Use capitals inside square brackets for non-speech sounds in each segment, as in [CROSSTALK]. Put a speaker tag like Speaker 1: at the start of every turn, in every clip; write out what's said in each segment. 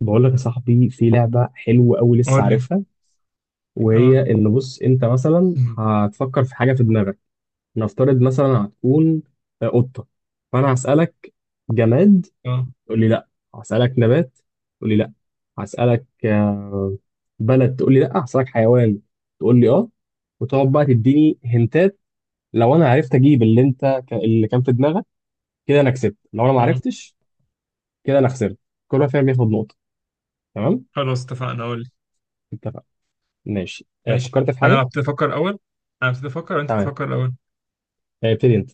Speaker 1: بقول لك يا صاحبي، في لعبة حلوة أوي لسه
Speaker 2: قول لي.
Speaker 1: عارفها. وهي
Speaker 2: اه
Speaker 1: إن بص أنت مثلا هتفكر في حاجة في دماغك. نفترض مثلا هتكون قطة، فأنا هسألك جماد،
Speaker 2: اه
Speaker 1: تقول لي لأ. هسألك نبات، تقول لي لأ. هسألك بلد، تقول لي لأ. هسألك حيوان، تقول لي أه. وتقعد بقى تديني هنتات. لو أنا عرفت أجيب اللي أنت اللي كان في دماغك، كده أنا كسبت. لو أنا ما
Speaker 2: اه.
Speaker 1: عرفتش، كده أنا خسرت. كل واحد فينا بياخد نقطة، تمام؟
Speaker 2: خلاص اتفقنا، قول لي.
Speaker 1: اتفقنا. ماشي،
Speaker 2: ماشي، انا
Speaker 1: فكرت في
Speaker 2: اللي
Speaker 1: حاجة.
Speaker 2: ابتدي افكر اول، انا ابتدي افكر انت
Speaker 1: تمام.
Speaker 2: تفكر الاول.
Speaker 1: ابتدي انت.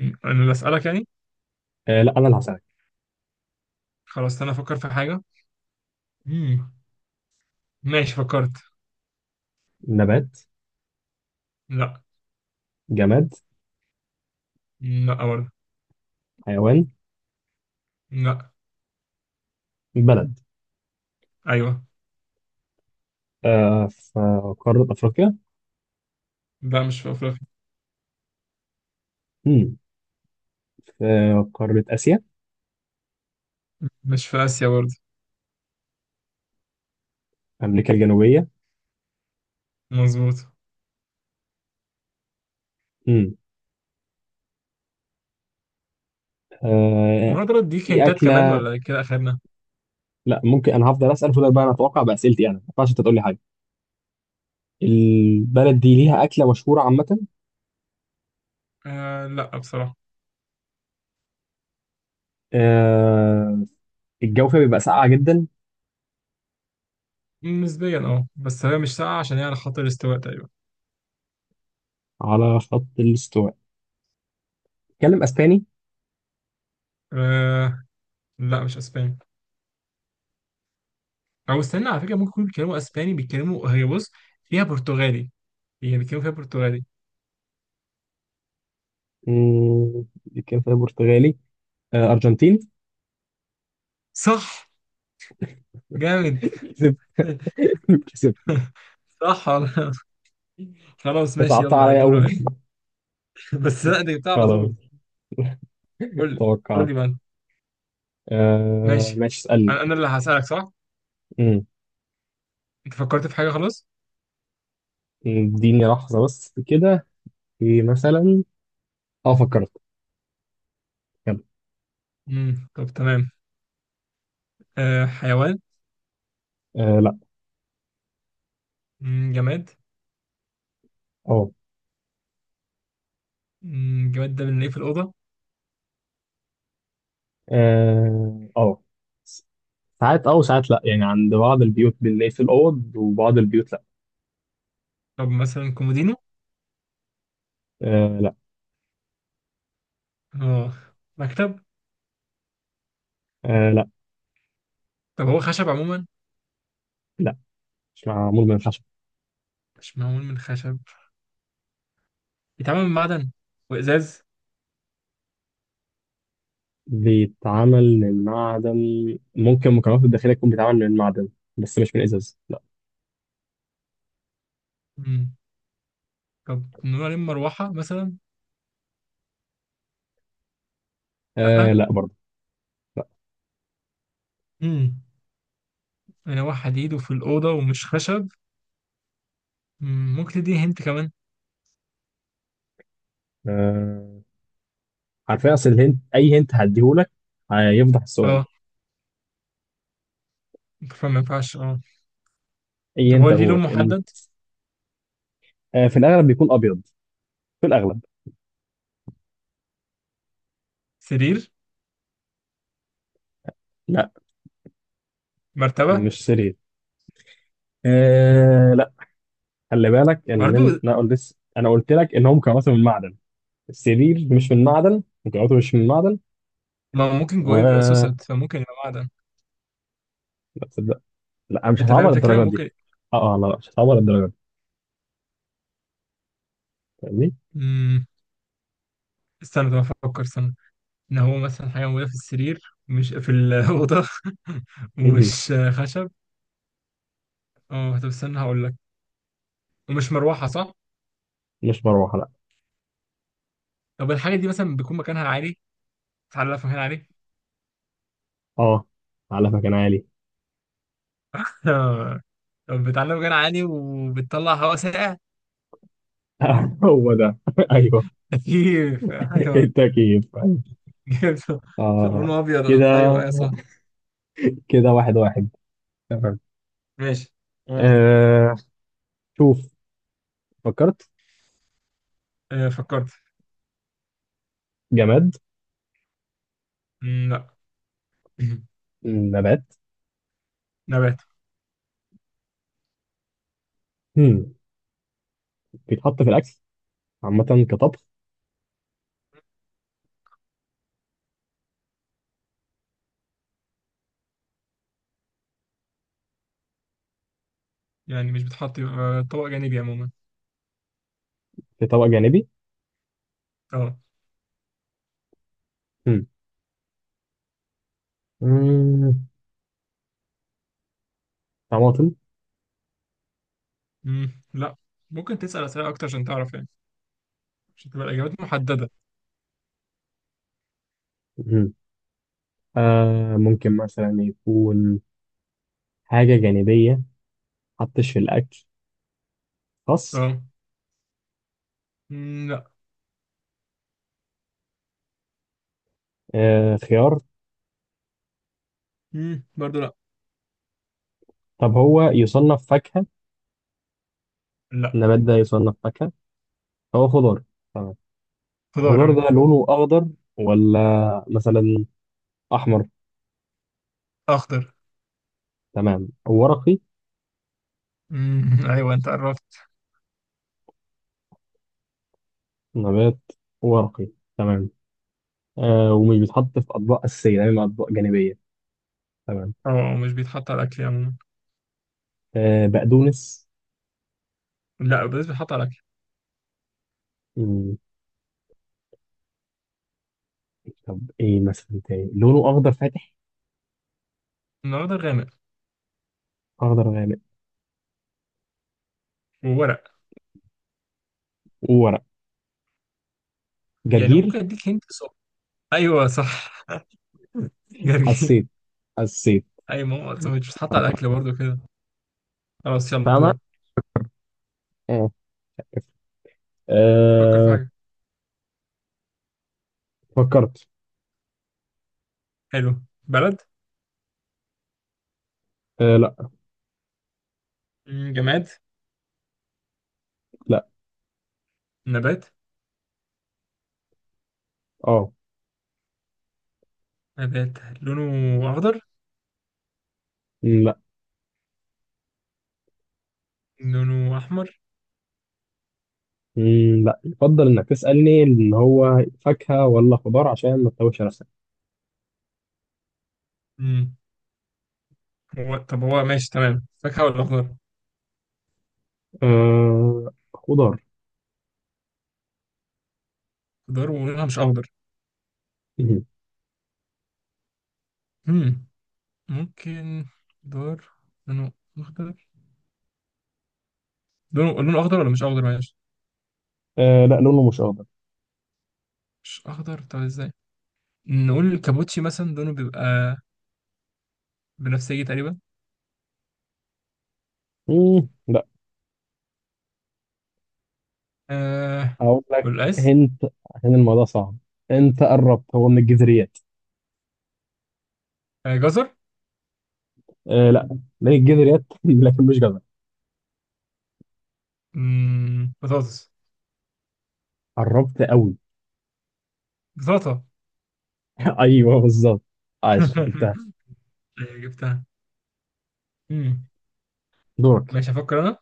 Speaker 2: مم. انا اللي اسالك يعني؟
Speaker 1: آه لا، انا اللي هسألك.
Speaker 2: خلاص انا افكر في حاجه. مم. ماشي فكرت.
Speaker 1: نبات؟
Speaker 2: لا.
Speaker 1: جماد؟
Speaker 2: لا برضه.
Speaker 1: حيوان؟
Speaker 2: لا.
Speaker 1: بلد؟
Speaker 2: ايوه.
Speaker 1: آه، في قارة افريقيا؟
Speaker 2: لا مش في افريقيا.
Speaker 1: مم. في قارة اسيا؟
Speaker 2: مش في اسيا برضه.
Speaker 1: امريكا الجنوبية؟
Speaker 2: مظبوط.
Speaker 1: مم.
Speaker 2: وانا
Speaker 1: آه،
Speaker 2: اقدر اديك
Speaker 1: في
Speaker 2: هنتات كمان
Speaker 1: اكلة؟
Speaker 2: ولا كده اخرنا؟
Speaker 1: لا ممكن، انا هفضل اسأل، فضل بقى انا اتوقع بأسئلتي، انا ما ينفعش انت تقول لي حاجة. البلد دي ليها اكلة مشهورة عامة؟
Speaker 2: آه لا بصراحه.
Speaker 1: آه. الجو فيها بيبقى ساقعة جدا؟
Speaker 2: نسبيا اه، بس هي مش ساقعه عشان هي على خط الاستواء تقريبا.
Speaker 1: على خط الاستواء. بيتكلم اسباني؟
Speaker 2: آه لا مش اسبانيا، او استنى على فكره ممكن يكونوا بيتكلموا اسباني، بيتكلموا، هي بص فيها برتغالي، هي بيتكلموا فيها برتغالي.
Speaker 1: بيتكلم برتغالي؟ آه، ارجنتيني.
Speaker 2: صح.
Speaker 1: [LAUGHS]
Speaker 2: جامد.
Speaker 1: كسبت.
Speaker 2: [LAUGHS]
Speaker 1: كسبت.
Speaker 2: صح والله. خلاص ماشي،
Speaker 1: صعبت
Speaker 2: يلا يا
Speaker 1: عليا قوي.
Speaker 2: دور. [LAUGHS] بس لا دي بتاع على
Speaker 1: خلاص،
Speaker 2: طول. قول لي. قول
Speaker 1: توقعت.
Speaker 2: لي بقى.
Speaker 1: آه
Speaker 2: ماشي.
Speaker 1: ماشي، اسألني.
Speaker 2: أنا اللي هسألك صح؟
Speaker 1: مم.
Speaker 2: انت فكرت في حاجه خلاص؟
Speaker 1: اديني لحظة بس كده. في مثلا، اه فكرت، يلا.
Speaker 2: طب تمام. أه، حيوان؟
Speaker 1: آه لا.
Speaker 2: مم، جماد؟
Speaker 1: اه
Speaker 2: مم، جماد ده بنلاقيه في الاوضه.
Speaker 1: اه آه. س- ساعات اه وساعات لا، يعني عند بعض البيوت بنلاقي في الأوض وبعض البيوت لا.
Speaker 2: طب مثلا كومودينو؟
Speaker 1: آه لا.
Speaker 2: اه. مكتب؟
Speaker 1: آه لا
Speaker 2: طب هو خشب عموما؟
Speaker 1: لا مش معمول من الخشب.
Speaker 2: مش معمول من خشب. بيتعمل من معدن وازاز؟
Speaker 1: بيتعمل من معدن، ممكن مكوناته الداخلية تكون بيتعمل من معدن، بس مش من إزاز لا.
Speaker 2: طب نقول عليه مروحة مثلا؟
Speaker 1: آه
Speaker 2: لأ.
Speaker 1: لا برضه. لا.
Speaker 2: امم، مروحة حديد وفي الأوضة ومش خشب. مم، ممكن تديني هنت كمان؟
Speaker 1: آه، عارفين اصل الهنت، اي هنت هديهولك هيفضح السؤال.
Speaker 2: اه. فما ينفعش اه.
Speaker 1: اي
Speaker 2: طب هو
Speaker 1: هنت
Speaker 2: ليه لون
Speaker 1: هديهولك
Speaker 2: محدد؟
Speaker 1: آه، في الاغلب بيكون ابيض، في الاغلب.
Speaker 2: سرير؟
Speaker 1: لا،
Speaker 2: مرتبة؟
Speaker 1: مش سرير. آه لا. خلي بالك ان،
Speaker 2: برضه.
Speaker 1: انا قلت لك ان هو مكوناته من معدن. السرير مش من معدن، مكوناته مش من معدن.
Speaker 2: ما هو ممكن جواه يبقى
Speaker 1: و
Speaker 2: سوسد فممكن يبقى معدن.
Speaker 1: لا تصدق، لا مش
Speaker 2: انت فاهم
Speaker 1: هصعبها
Speaker 2: الفكرة؟
Speaker 1: للدرجه دي.
Speaker 2: ممكن.
Speaker 1: اه لا، مش هصعبها للدرجه دي، فاهمني.
Speaker 2: مم. استنى طب افكر، استنى، ان هو مثلا حاجة موجودة في السرير مش في الأوضة. [LAUGHS]
Speaker 1: مهم.
Speaker 2: ومش خشب. اه طب استنى هقول لك. ومش مروحة صح؟
Speaker 1: مش مروحه لا.
Speaker 2: طب الحاجة دي مثلا بيكون مكانها عالي؟ تعالى في مكان عالي.
Speaker 1: اه، على مكان عالي.
Speaker 2: آه. طب بتعلم غير عالي وبتطلع هواء ساقع.
Speaker 1: [LAUGHS] هو ده [LAUGHS] ايوه،
Speaker 2: تكييف، ايوه.
Speaker 1: التكييف أيوة.
Speaker 2: جبته.
Speaker 1: اه
Speaker 2: لونه ابيض.
Speaker 1: كده.
Speaker 2: ايوه ايوه صح.
Speaker 1: كده واحد واحد، تمام.
Speaker 2: ماشي. تمام.
Speaker 1: آه شوف، فكرت.
Speaker 2: آه، فكرت.
Speaker 1: جماد.
Speaker 2: مم، لا. [CLEARS THROAT]
Speaker 1: نبات.
Speaker 2: نبات.
Speaker 1: هم. بيتحط في الأكل عامة كطبخ.
Speaker 2: يعني مش بتحط يبقى طبق جانبي عموما؟
Speaker 1: في طبق جانبي.
Speaker 2: اه.
Speaker 1: هم. مم، طماطم.
Speaker 2: مم، لا. ممكن تسأل أسئلة أكتر عشان تعرف يعني، عشان تبقى الإجابات محددة.
Speaker 1: هم. آه ممكن مثلا يكون حاجة جانبية، حطش في الأكل. خس.
Speaker 2: اه. مم، لا.
Speaker 1: آه خيار.
Speaker 2: مم، برضو لا.
Speaker 1: طب هو يصنف فاكهة؟
Speaker 2: لا.
Speaker 1: النبات ده يصنف فاكهة؟ هو خضار، تمام.
Speaker 2: خضار
Speaker 1: الخضار
Speaker 2: يعني.
Speaker 1: ده لونه أخضر ولا مثلا أحمر؟
Speaker 2: أخضر.
Speaker 1: تمام، ورقي.
Speaker 2: مم، [LAUGHS] أيوه أنت قربت.
Speaker 1: نبات ورقي، تمام. آه، ومش بيتحط في اطباق اساسيه دايما، اطباق جانبيه، تمام.
Speaker 2: اه مش بيتحط على الأكل عموما.
Speaker 1: آه، بقدونس.
Speaker 2: لا بس بيتحط على الأكل.
Speaker 1: مم. طب ايه مثلا تاني لونه اخضر فاتح؟
Speaker 2: الأخضر غامق.
Speaker 1: اخضر غامق
Speaker 2: وورق.
Speaker 1: وورق.
Speaker 2: يعني
Speaker 1: جرجير.
Speaker 2: ممكن اديك هنت صح؟ ايوه صح. [LAUGHS] جرجير.
Speaker 1: حسيت. حسيت.
Speaker 2: اي ماما أصلاً مش بتتحط على الاكل
Speaker 1: قطعت.
Speaker 2: برضو كده. خلاص يلا
Speaker 1: فاهمه.
Speaker 2: دورك.
Speaker 1: اه.
Speaker 2: فكر في
Speaker 1: آه،
Speaker 2: حاجه.
Speaker 1: فكرت.
Speaker 2: حلو. بلد؟
Speaker 1: آه لا.
Speaker 2: مم، جماد؟
Speaker 1: لا.
Speaker 2: نبات؟
Speaker 1: اه.
Speaker 2: نبات. لونه اخضر؟
Speaker 1: مم، لا.
Speaker 2: لونه احمر؟
Speaker 1: مم، لا يفضل انك تسالني ان هو فاكهه ولا خضار عشان ما تتوهش نفسك.
Speaker 2: مم. هو طب هو ماشي تمام، فاكهه ولا اخضر؟
Speaker 1: آه خضار.
Speaker 2: خضار ولونها مش اخضر؟
Speaker 1: مم.
Speaker 2: مم. ممكن. خضار لونه اخضر، لونه اخضر ولا مش اخضر، معلش.
Speaker 1: آه لا لونه مش اخضر.
Speaker 2: مش اخضر؟ طب ازاي. نقول الكابوتشي مثلا لونه بيبقى بنفسجي تقريبا.
Speaker 1: مم، لا.
Speaker 2: آه
Speaker 1: هقول لك
Speaker 2: والقيس.
Speaker 1: هنت، عشان الموضوع صعب، انت قربت، هو من الجذريات.
Speaker 2: آه جزر.
Speaker 1: آه لا من الجذريات [LAUGHS] لكن مش جزر.
Speaker 2: مم، بطاطس.
Speaker 1: قربت قوي.
Speaker 2: بطاطا.
Speaker 1: [LAUGHS] ايوه بالظبط، عاش جبتها.
Speaker 2: [LAUGHS] آه، جبتها. مم.
Speaker 1: دورك.
Speaker 2: ماشي هفكر انا.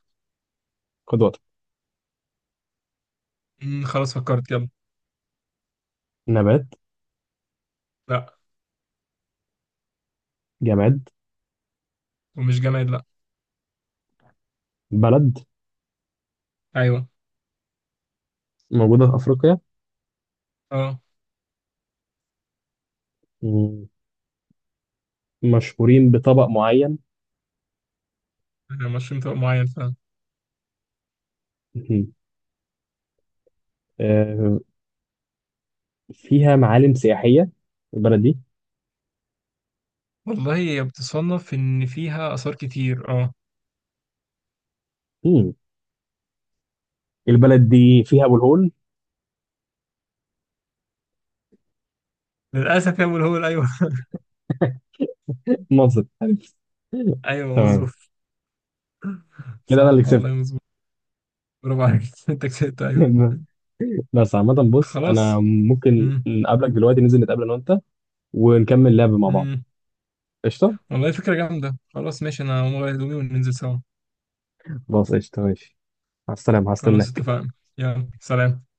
Speaker 1: خد وقتك.
Speaker 2: مم، خلاص فكرت يلا.
Speaker 1: نبات.
Speaker 2: لا.
Speaker 1: جماد.
Speaker 2: ومش جماد لا.
Speaker 1: بلد.
Speaker 2: ايوه.
Speaker 1: موجودة في أفريقيا؟
Speaker 2: اه.
Speaker 1: مم. مشهورين بطبق معين؟
Speaker 2: آه، مشروم طبق معين فعلا.
Speaker 1: مم. آه، فيها معالم سياحية البلد دي؟
Speaker 2: والله هي بتصنف ان فيها اثار كتير اه.
Speaker 1: مم. البلد دي فيها أبو الهول.
Speaker 2: للاسف يا ابو الهول ايوه. [LAUGHS]
Speaker 1: مصر. [LAUGHS]
Speaker 2: ايوه
Speaker 1: تمام،
Speaker 2: مظبوط.
Speaker 1: كده أنا اللي
Speaker 2: صح والله
Speaker 1: كسبت.
Speaker 2: مظبوط. برافو عليك. [LAUGHS] انت كسبت ايوه.
Speaker 1: [LAUGHS] بس عامة بص، أنا
Speaker 2: خلاص.
Speaker 1: ممكن
Speaker 2: مم.
Speaker 1: نقابلك دلوقتي، ننزل نتقابل أنا وأنت ونكمل لعب مع بعض.
Speaker 2: مم.
Speaker 1: قشطة؟
Speaker 2: والله فكره جامده، خلاص ماشي انا هقوم اغير هدومي وننزل سوا.
Speaker 1: خلاص قشطة، ماشي، مع السلامة،
Speaker 2: خلاص
Speaker 1: هستناك.
Speaker 2: اتفقنا. يلا سلام.